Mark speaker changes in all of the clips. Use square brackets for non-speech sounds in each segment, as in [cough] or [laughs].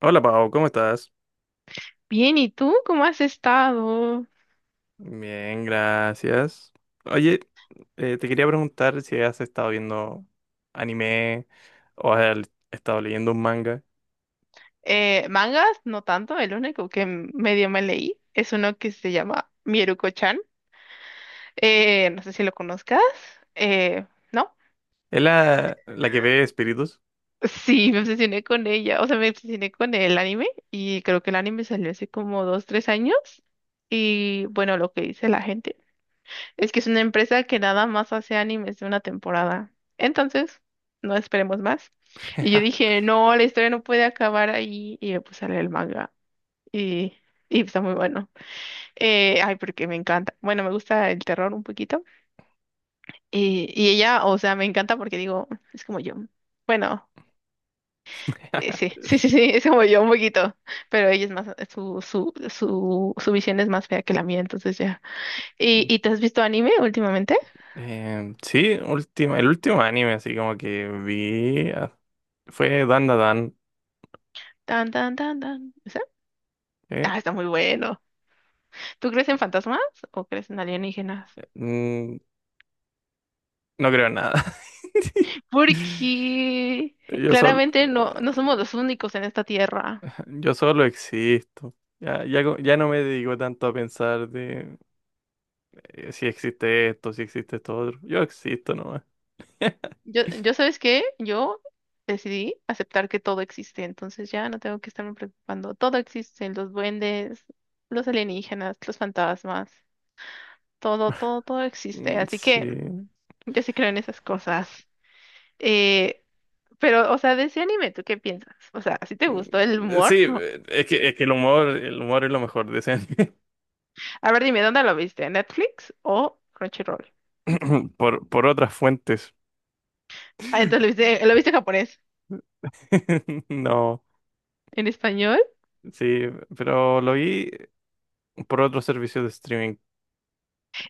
Speaker 1: Hola Pau, ¿cómo estás?
Speaker 2: Bien, ¿y tú cómo has estado?
Speaker 1: Bien, gracias. Oye, te quería preguntar si has estado viendo anime o has estado leyendo un manga.
Speaker 2: Mangas, no tanto, el único que medio me leí es uno que se llama Mieruko-chan. No sé si lo conozcas. Eh, ¿No?
Speaker 1: ¿Es la que ve espíritus?
Speaker 2: Sí, me obsesioné con ella, o sea, me obsesioné con el anime y creo que el anime salió hace como 2, 3 años y bueno, lo que dice la gente. Es que es una empresa que nada más hace animes de una temporada. Entonces, no esperemos más. Y yo dije, no, la historia no puede acabar ahí. Y me puse a leer el manga. Y, y está muy bueno. Ay, porque me encanta. Bueno, me gusta el terror un poquito. Y ella, o sea, me encanta porque digo, es como yo. Bueno, sí, [laughs] sí, sí,
Speaker 1: [laughs]
Speaker 2: sí, es como yo un poquito. Pero ella es más, su visión es más fea que la mía, entonces ya. ¿Y te has visto anime últimamente?
Speaker 1: Sí, el último anime así como que vi, fue Dan Da Dan.
Speaker 2: Tan, tan, tan, tan.
Speaker 1: ¿Eh?
Speaker 2: Ah, está muy bueno. ¿Tú crees en fantasmas o crees en alienígenas?
Speaker 1: Mm, no creo en nada. [laughs]
Speaker 2: Porque
Speaker 1: Yo solo,
Speaker 2: claramente no, no somos los únicos en esta tierra.
Speaker 1: yo solo existo. Ya no me dedico tanto a pensar de si existe esto, si existe esto otro. Yo existo nomás.
Speaker 2: Yo, ¿sabes qué? Yo decidí aceptar que todo existe, entonces ya no tengo que estarme preocupando. Todo existe, los duendes, los alienígenas, los fantasmas, todo, todo, todo existe.
Speaker 1: Mm.
Speaker 2: Así que
Speaker 1: Sí.
Speaker 2: yo sí creo en esas cosas. Eh, pero, o sea, de ese anime, ¿tú qué piensas? O sea, ¿sí te gustó el
Speaker 1: Mm. Sí,
Speaker 2: humor? [laughs]
Speaker 1: es que el el humor es lo mejor, decían. [coughs]
Speaker 2: A ver, dime, ¿dónde lo viste? ¿En Netflix o Crunchyroll?
Speaker 1: [clears throat] Por otras fuentes.
Speaker 2: Ah, entonces lo viste, en japonés.
Speaker 1: [laughs] No,
Speaker 2: ¿En español?
Speaker 1: sí, pero lo vi por otros servicios de streaming.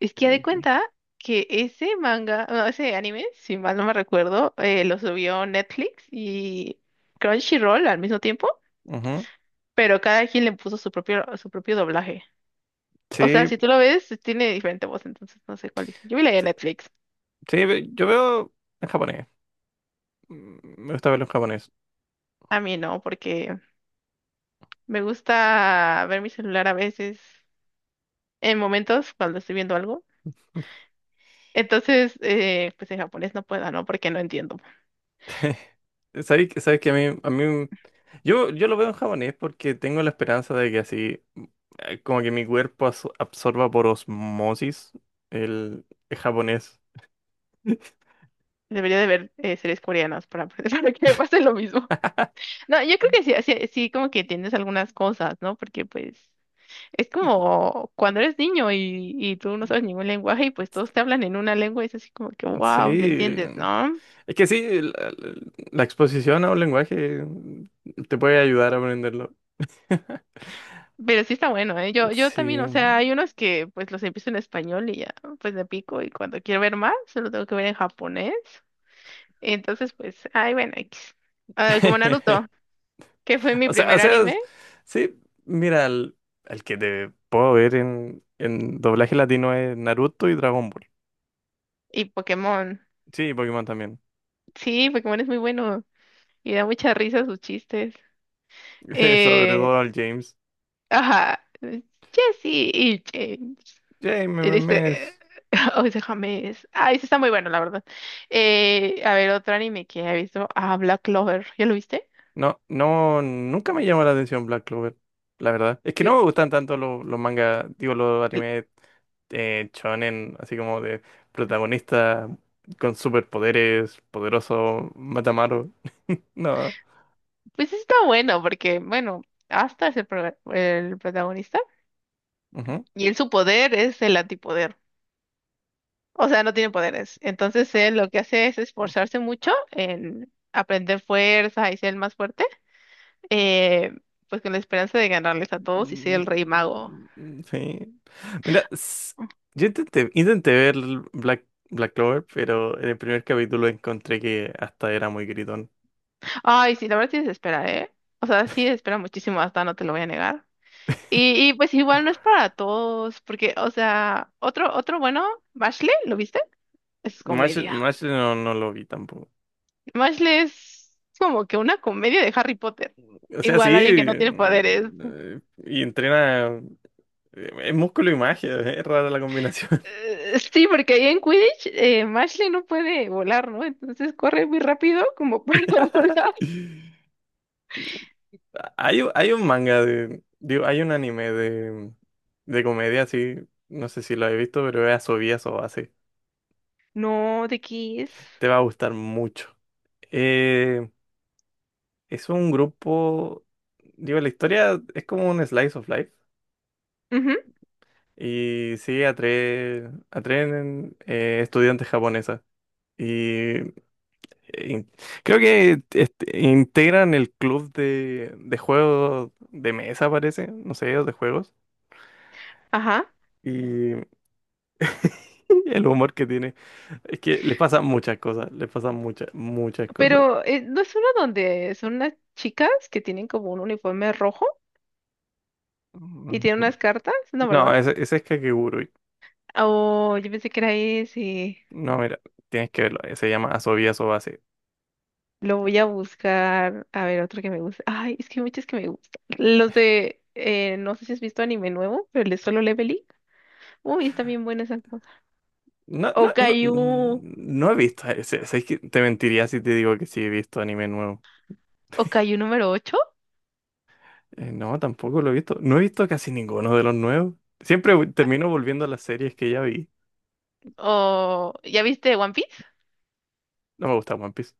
Speaker 2: Es que ya de
Speaker 1: Eh,
Speaker 2: cuenta que ese manga, no, ese anime, si mal no me recuerdo, lo subió Netflix y Crunchyroll al mismo tiempo,
Speaker 1: ujú.
Speaker 2: pero cada quien le puso su propio doblaje. O sea,
Speaker 1: Sí,
Speaker 2: si tú lo ves, tiene diferente voz, entonces no sé cuál es. Yo vi la de
Speaker 1: sí,
Speaker 2: Netflix.
Speaker 1: yo veo en japonés. Mm. Me gusta verlo en japonés.
Speaker 2: A mí no, porque me gusta ver mi celular a veces en momentos cuando estoy viendo algo. Entonces, pues en japonés no puedo, ¿no? Porque no entiendo.
Speaker 1: [laughs] ¿ Sabes que a mí, yo lo veo en japonés porque tengo la esperanza de que así, como que mi cuerpo absorba por osmosis el, el japonés. [laughs]
Speaker 2: Debería de ver series coreanas para, [laughs] para que me pase lo mismo. No, yo creo que sí, sí, sí, como que entiendes algunas cosas, ¿no? Porque pues es como cuando eres niño y tú no sabes ningún lenguaje y pues todos te hablan en una lengua y es así como que,
Speaker 1: Sí,
Speaker 2: wow, ¿me entiendes, no?
Speaker 1: es que sí, la exposición a un lenguaje, te puede ayudar a aprenderlo.
Speaker 2: Pero sí está bueno, ¿eh? Yo también, o sea,
Speaker 1: Sí.
Speaker 2: hay unos que pues los empiezo en español y ya, pues me pico y cuando quiero ver más, solo tengo que ver en japonés. Entonces, pues, ay, bueno, X. Ah, como
Speaker 1: [laughs]
Speaker 2: Naruto, que fue mi
Speaker 1: O sea, o
Speaker 2: primer
Speaker 1: sea,
Speaker 2: anime,
Speaker 1: sí, mira, el que te puedo ver en doblaje latino es Naruto y Dragon Ball.
Speaker 2: y Pokémon.
Speaker 1: Sí, y Pokémon también.
Speaker 2: Sí, Pokémon es muy bueno y da mucha risa sus chistes.
Speaker 1: [laughs] Sobre
Speaker 2: Eh,
Speaker 1: Donald James.
Speaker 2: ajá, Jesse y James.
Speaker 1: James
Speaker 2: Y
Speaker 1: me-
Speaker 2: dice,
Speaker 1: me es-
Speaker 2: [laughs] oh, ese James. Ah, ese está muy bueno, la verdad. A ver, otro anime que he visto, ah, Black Clover. ¿Ya lo viste?
Speaker 1: No, no, nunca me llamó la atención Black Clover, la verdad. Es que
Speaker 2: Yo-
Speaker 1: no me gustan tanto los mangas, digo, los
Speaker 2: l-
Speaker 1: animes shonen, así como de protagonista con superpoderes, poderoso Matamaru. No.
Speaker 2: pues está bueno porque, bueno, Asta es el protagonista
Speaker 1: Ujú.
Speaker 2: y él su poder es el antipoder. O sea, no tiene poderes. Entonces él lo que hace es esforzarse mucho en aprender fuerza y ser el más fuerte, eh, pues con la esperanza de ganarles a todos y ser el
Speaker 1: Mm.
Speaker 2: rey mago.
Speaker 1: Sí. Mira, yo intenté ver Black, Black Clover, pero en el primer capítulo encontré que hasta era muy gritón.
Speaker 2: Ay, sí, la verdad sí se espera, ¿eh? O sea, sí se espera muchísimo, hasta no te lo voy a negar. Y pues igual no es para todos, porque, o sea, otro bueno, Bashley, ¿lo viste? Es comedia.
Speaker 1: Mash no lo vi tampoco.
Speaker 2: Bashley es como que una comedia de Harry Potter.
Speaker 1: O sea,
Speaker 2: Igual
Speaker 1: sí,
Speaker 2: alguien que no tiene poderes.
Speaker 1: y entrena es músculo y magia, [laughs] es rara la combinación.
Speaker 2: Sí, porque ahí en Quidditch Mashley no puede volar, ¿no? Entonces corre muy rápido como para [laughs] volar.
Speaker 1: [laughs] Hay un manga de, digo, hay un anime de comedia, sí, no sé si lo he visto, pero es Asobias o así.
Speaker 2: No, de Kiss.
Speaker 1: Te va a gustar mucho. Eh, es un grupo, digo, la historia es como un slice of life
Speaker 2: Ujú,
Speaker 1: y sigue a a tres estudiantes japonesas. Y in- Creo que este, integran el club de juegos de mesa, parece, no sé, o de juegos.
Speaker 2: ajá.
Speaker 1: Y [laughs] el humor que tiene. Es que les pasan muchas cosas, les pasan muchas cosas.
Speaker 2: Pero ¿no es uno donde son unas chicas que tienen como un uniforme rojo y
Speaker 1: Mm.
Speaker 2: tienen unas cartas? No,
Speaker 1: No,
Speaker 2: ¿verdad?
Speaker 1: ese es Kakegurui.
Speaker 2: Oh, yo pensé que era ese.
Speaker 1: No, mira, tienes que verlo. Se llama Asobia Sobase.
Speaker 2: Lo voy a buscar. A ver, otro que me gusta. Ay, es que hay muchos que me gustan. Los de, no sé si has visto anime nuevo, pero el de Solo Leveling. Uy, está bien buena esa cosa.
Speaker 1: No,
Speaker 2: O
Speaker 1: no, no,
Speaker 2: Caillou.
Speaker 1: mm, no he visto ese. Ese que te mentiría si te digo que sí he visto anime nuevo.
Speaker 2: Okayu número ocho.
Speaker 1: No, tampoco lo he visto. No he visto casi ninguno de los nuevos. Termino volviendo a las series que ya vi.
Speaker 2: ¿O ya viste One Piece?
Speaker 1: No me gusta One Piece.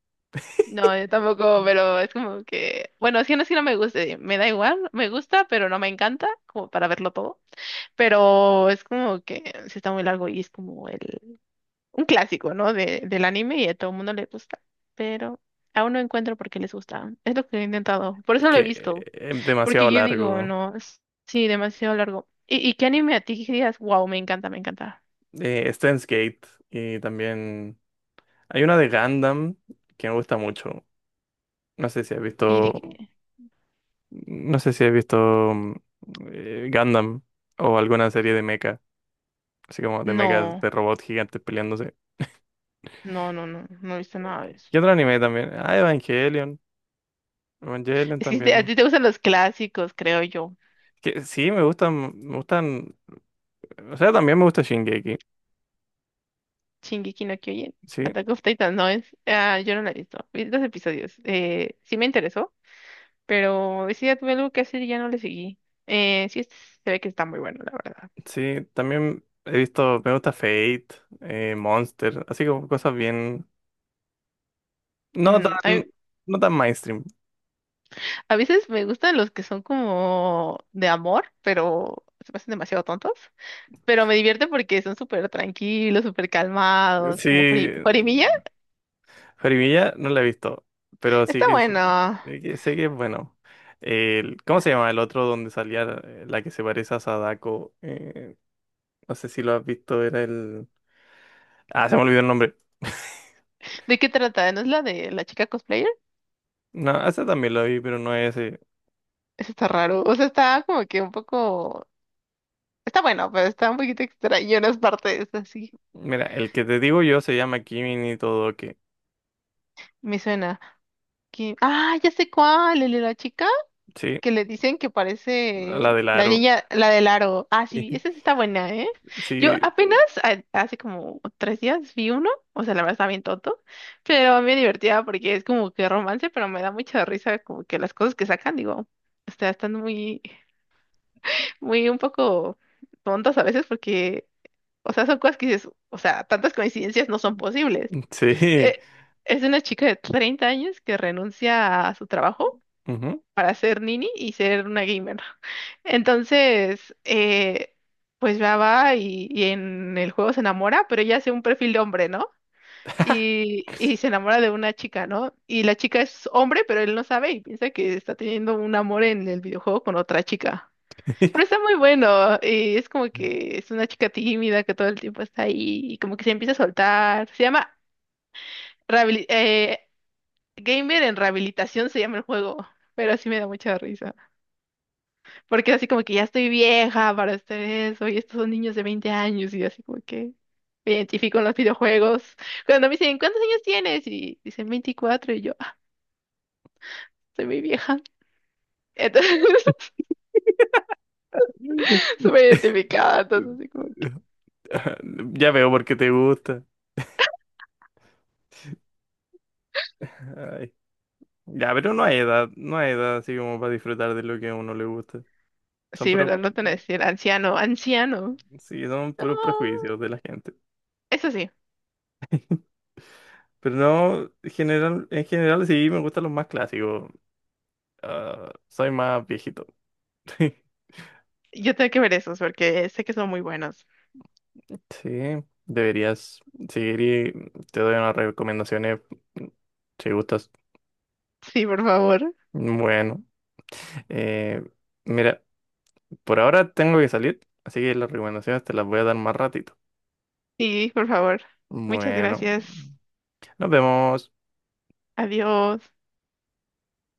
Speaker 2: No, yo tampoco, pero es como que, bueno, es que no me guste, me da igual, me gusta, pero no me encanta, como para verlo todo, pero es como que sí está muy largo y es como el, un clásico, ¿no? De, del anime y a todo el mundo le gusta, pero aún no encuentro por qué les gusta, es lo que he intentado, por
Speaker 1: Es
Speaker 2: eso lo
Speaker 1: que
Speaker 2: he visto,
Speaker 1: es
Speaker 2: porque
Speaker 1: demasiado
Speaker 2: yo digo,
Speaker 1: largo.
Speaker 2: no, sí, demasiado largo. ¿Y qué anime a ti que digas, wow, me encanta, me encanta?
Speaker 1: Steins Gate y también hay una de Gundam que me gusta mucho. No sé si has
Speaker 2: Y
Speaker 1: visto,
Speaker 2: dije,
Speaker 1: no sé si has visto mm, Gundam o alguna serie de mecha, así como de mechas
Speaker 2: no.
Speaker 1: de robots gigantes peleándose.
Speaker 2: No, no, no, no he visto nada de eso.
Speaker 1: ¿Qué otro anime también? Ah, Evangelion. Evangelion
Speaker 2: Es que a
Speaker 1: también.
Speaker 2: ti te gustan los clásicos, creo yo.
Speaker 1: Que sí, me gustan, me gustan. O sea, también me gusta Shingeki.
Speaker 2: Shingeki no Kyojin,
Speaker 1: Sí,
Speaker 2: Attack of Titan, no es. Ah, yo no la he visto. Vi 2 episodios. Sí me interesó, pero ese día tuve algo que hacer y ya no le seguí. Sí, se ve que está muy bueno, la verdad.
Speaker 1: sí, también he visto, me gusta Fate, Monster, así como cosas bien. No
Speaker 2: Mm,
Speaker 1: tan, no tan mainstream.
Speaker 2: a veces me gustan los que son como de amor, pero se pasan demasiado tontos. Pero me divierte porque son súper tranquilos, súper calmados,
Speaker 1: Sí,
Speaker 2: como Horimiya.
Speaker 1: Jorimilla no la he visto, pero sí
Speaker 2: Está
Speaker 1: que sé
Speaker 2: bueno.
Speaker 1: sé sé que es bueno. El- ¿cómo se llama el otro donde salía la que se parece a Sadako? No sé si lo has visto, era el. Ah, se me olvidó el nombre.
Speaker 2: ¿De qué trata? ¿No es la de la chica cosplayer?
Speaker 1: No, ese también lo vi, pero no es ese.
Speaker 2: Eso está raro. O sea, está como que un poco. Está bueno, pero está un poquito extraño en las partes así.
Speaker 1: Mira, el que te digo yo se llama Kimi ni Todoke.
Speaker 2: Me suena. Ah, ya sé cuál, el de la chica
Speaker 1: Sí,
Speaker 2: que le dicen que
Speaker 1: la
Speaker 2: parece
Speaker 1: del
Speaker 2: la
Speaker 1: aro.
Speaker 2: niña, la del aro. Ah, sí, esa sí
Speaker 1: [laughs]
Speaker 2: está buena, ¿eh? Yo
Speaker 1: Sí,
Speaker 2: apenas hace como 3 días vi uno, o sea, la verdad está bien tonto, pero me divertía porque es como que romance, pero me da mucha risa como que las cosas que sacan, digo, o sea, están muy, muy un poco tontas a veces porque o sea, son cosas que dices, o sea, tantas coincidencias no son posibles.
Speaker 1: sí.
Speaker 2: Eh, es una chica de 30 años que renuncia a su trabajo
Speaker 1: Ujú.
Speaker 2: para ser nini y ser una gamer. [laughs] Entonces, pues va y en el juego se enamora, pero ella hace un perfil de hombre, ¿no? Y se enamora de una chica, ¿no? Y la chica es hombre, pero él no sabe y piensa que está teniendo un amor en el videojuego con otra chica. Pero
Speaker 1: [laughs]
Speaker 2: está muy bueno. Es como que es una chica tímida que todo el tiempo está ahí y como que se empieza a soltar. Se llama rehabili- eh, Gamer en Rehabilitación, se llama el juego. Pero sí me da mucha risa. Porque así como que ya estoy vieja para hacer eso y estos son niños de 20 años y así como que me identifico en los videojuegos. Cuando me dicen, ¿cuántos años tienes? Y dicen 24 y yo, "Ah, soy muy vieja. Entonces, [laughs] súper identificada. Entonces, así como que,
Speaker 1: Ya veo por qué te gusta. Ay. Ya, pero no hay edad, no hay edad así como para disfrutar de lo que a uno le gusta. Son
Speaker 2: sí,
Speaker 1: puros,
Speaker 2: ¿verdad? No te van a decir anciano, anciano.
Speaker 1: sí, son
Speaker 2: No.
Speaker 1: puros prejuicios de la gente.
Speaker 2: Eso sí,
Speaker 1: Pero no, en general sí me gustan los más clásicos. Ah, soy más viejito. [laughs]
Speaker 2: yo tengo que ver esos porque sé que son muy buenos.
Speaker 1: Sí, deberías seguir y te doy unas recomendaciones si gustas.
Speaker 2: Sí, por favor.
Speaker 1: Bueno, eh, mira, por ahora tengo que salir, así que las recomendaciones te las voy a dar más ratito.
Speaker 2: Sí, por favor. Muchas
Speaker 1: Bueno,
Speaker 2: gracias.
Speaker 1: nos vemos.
Speaker 2: Adiós.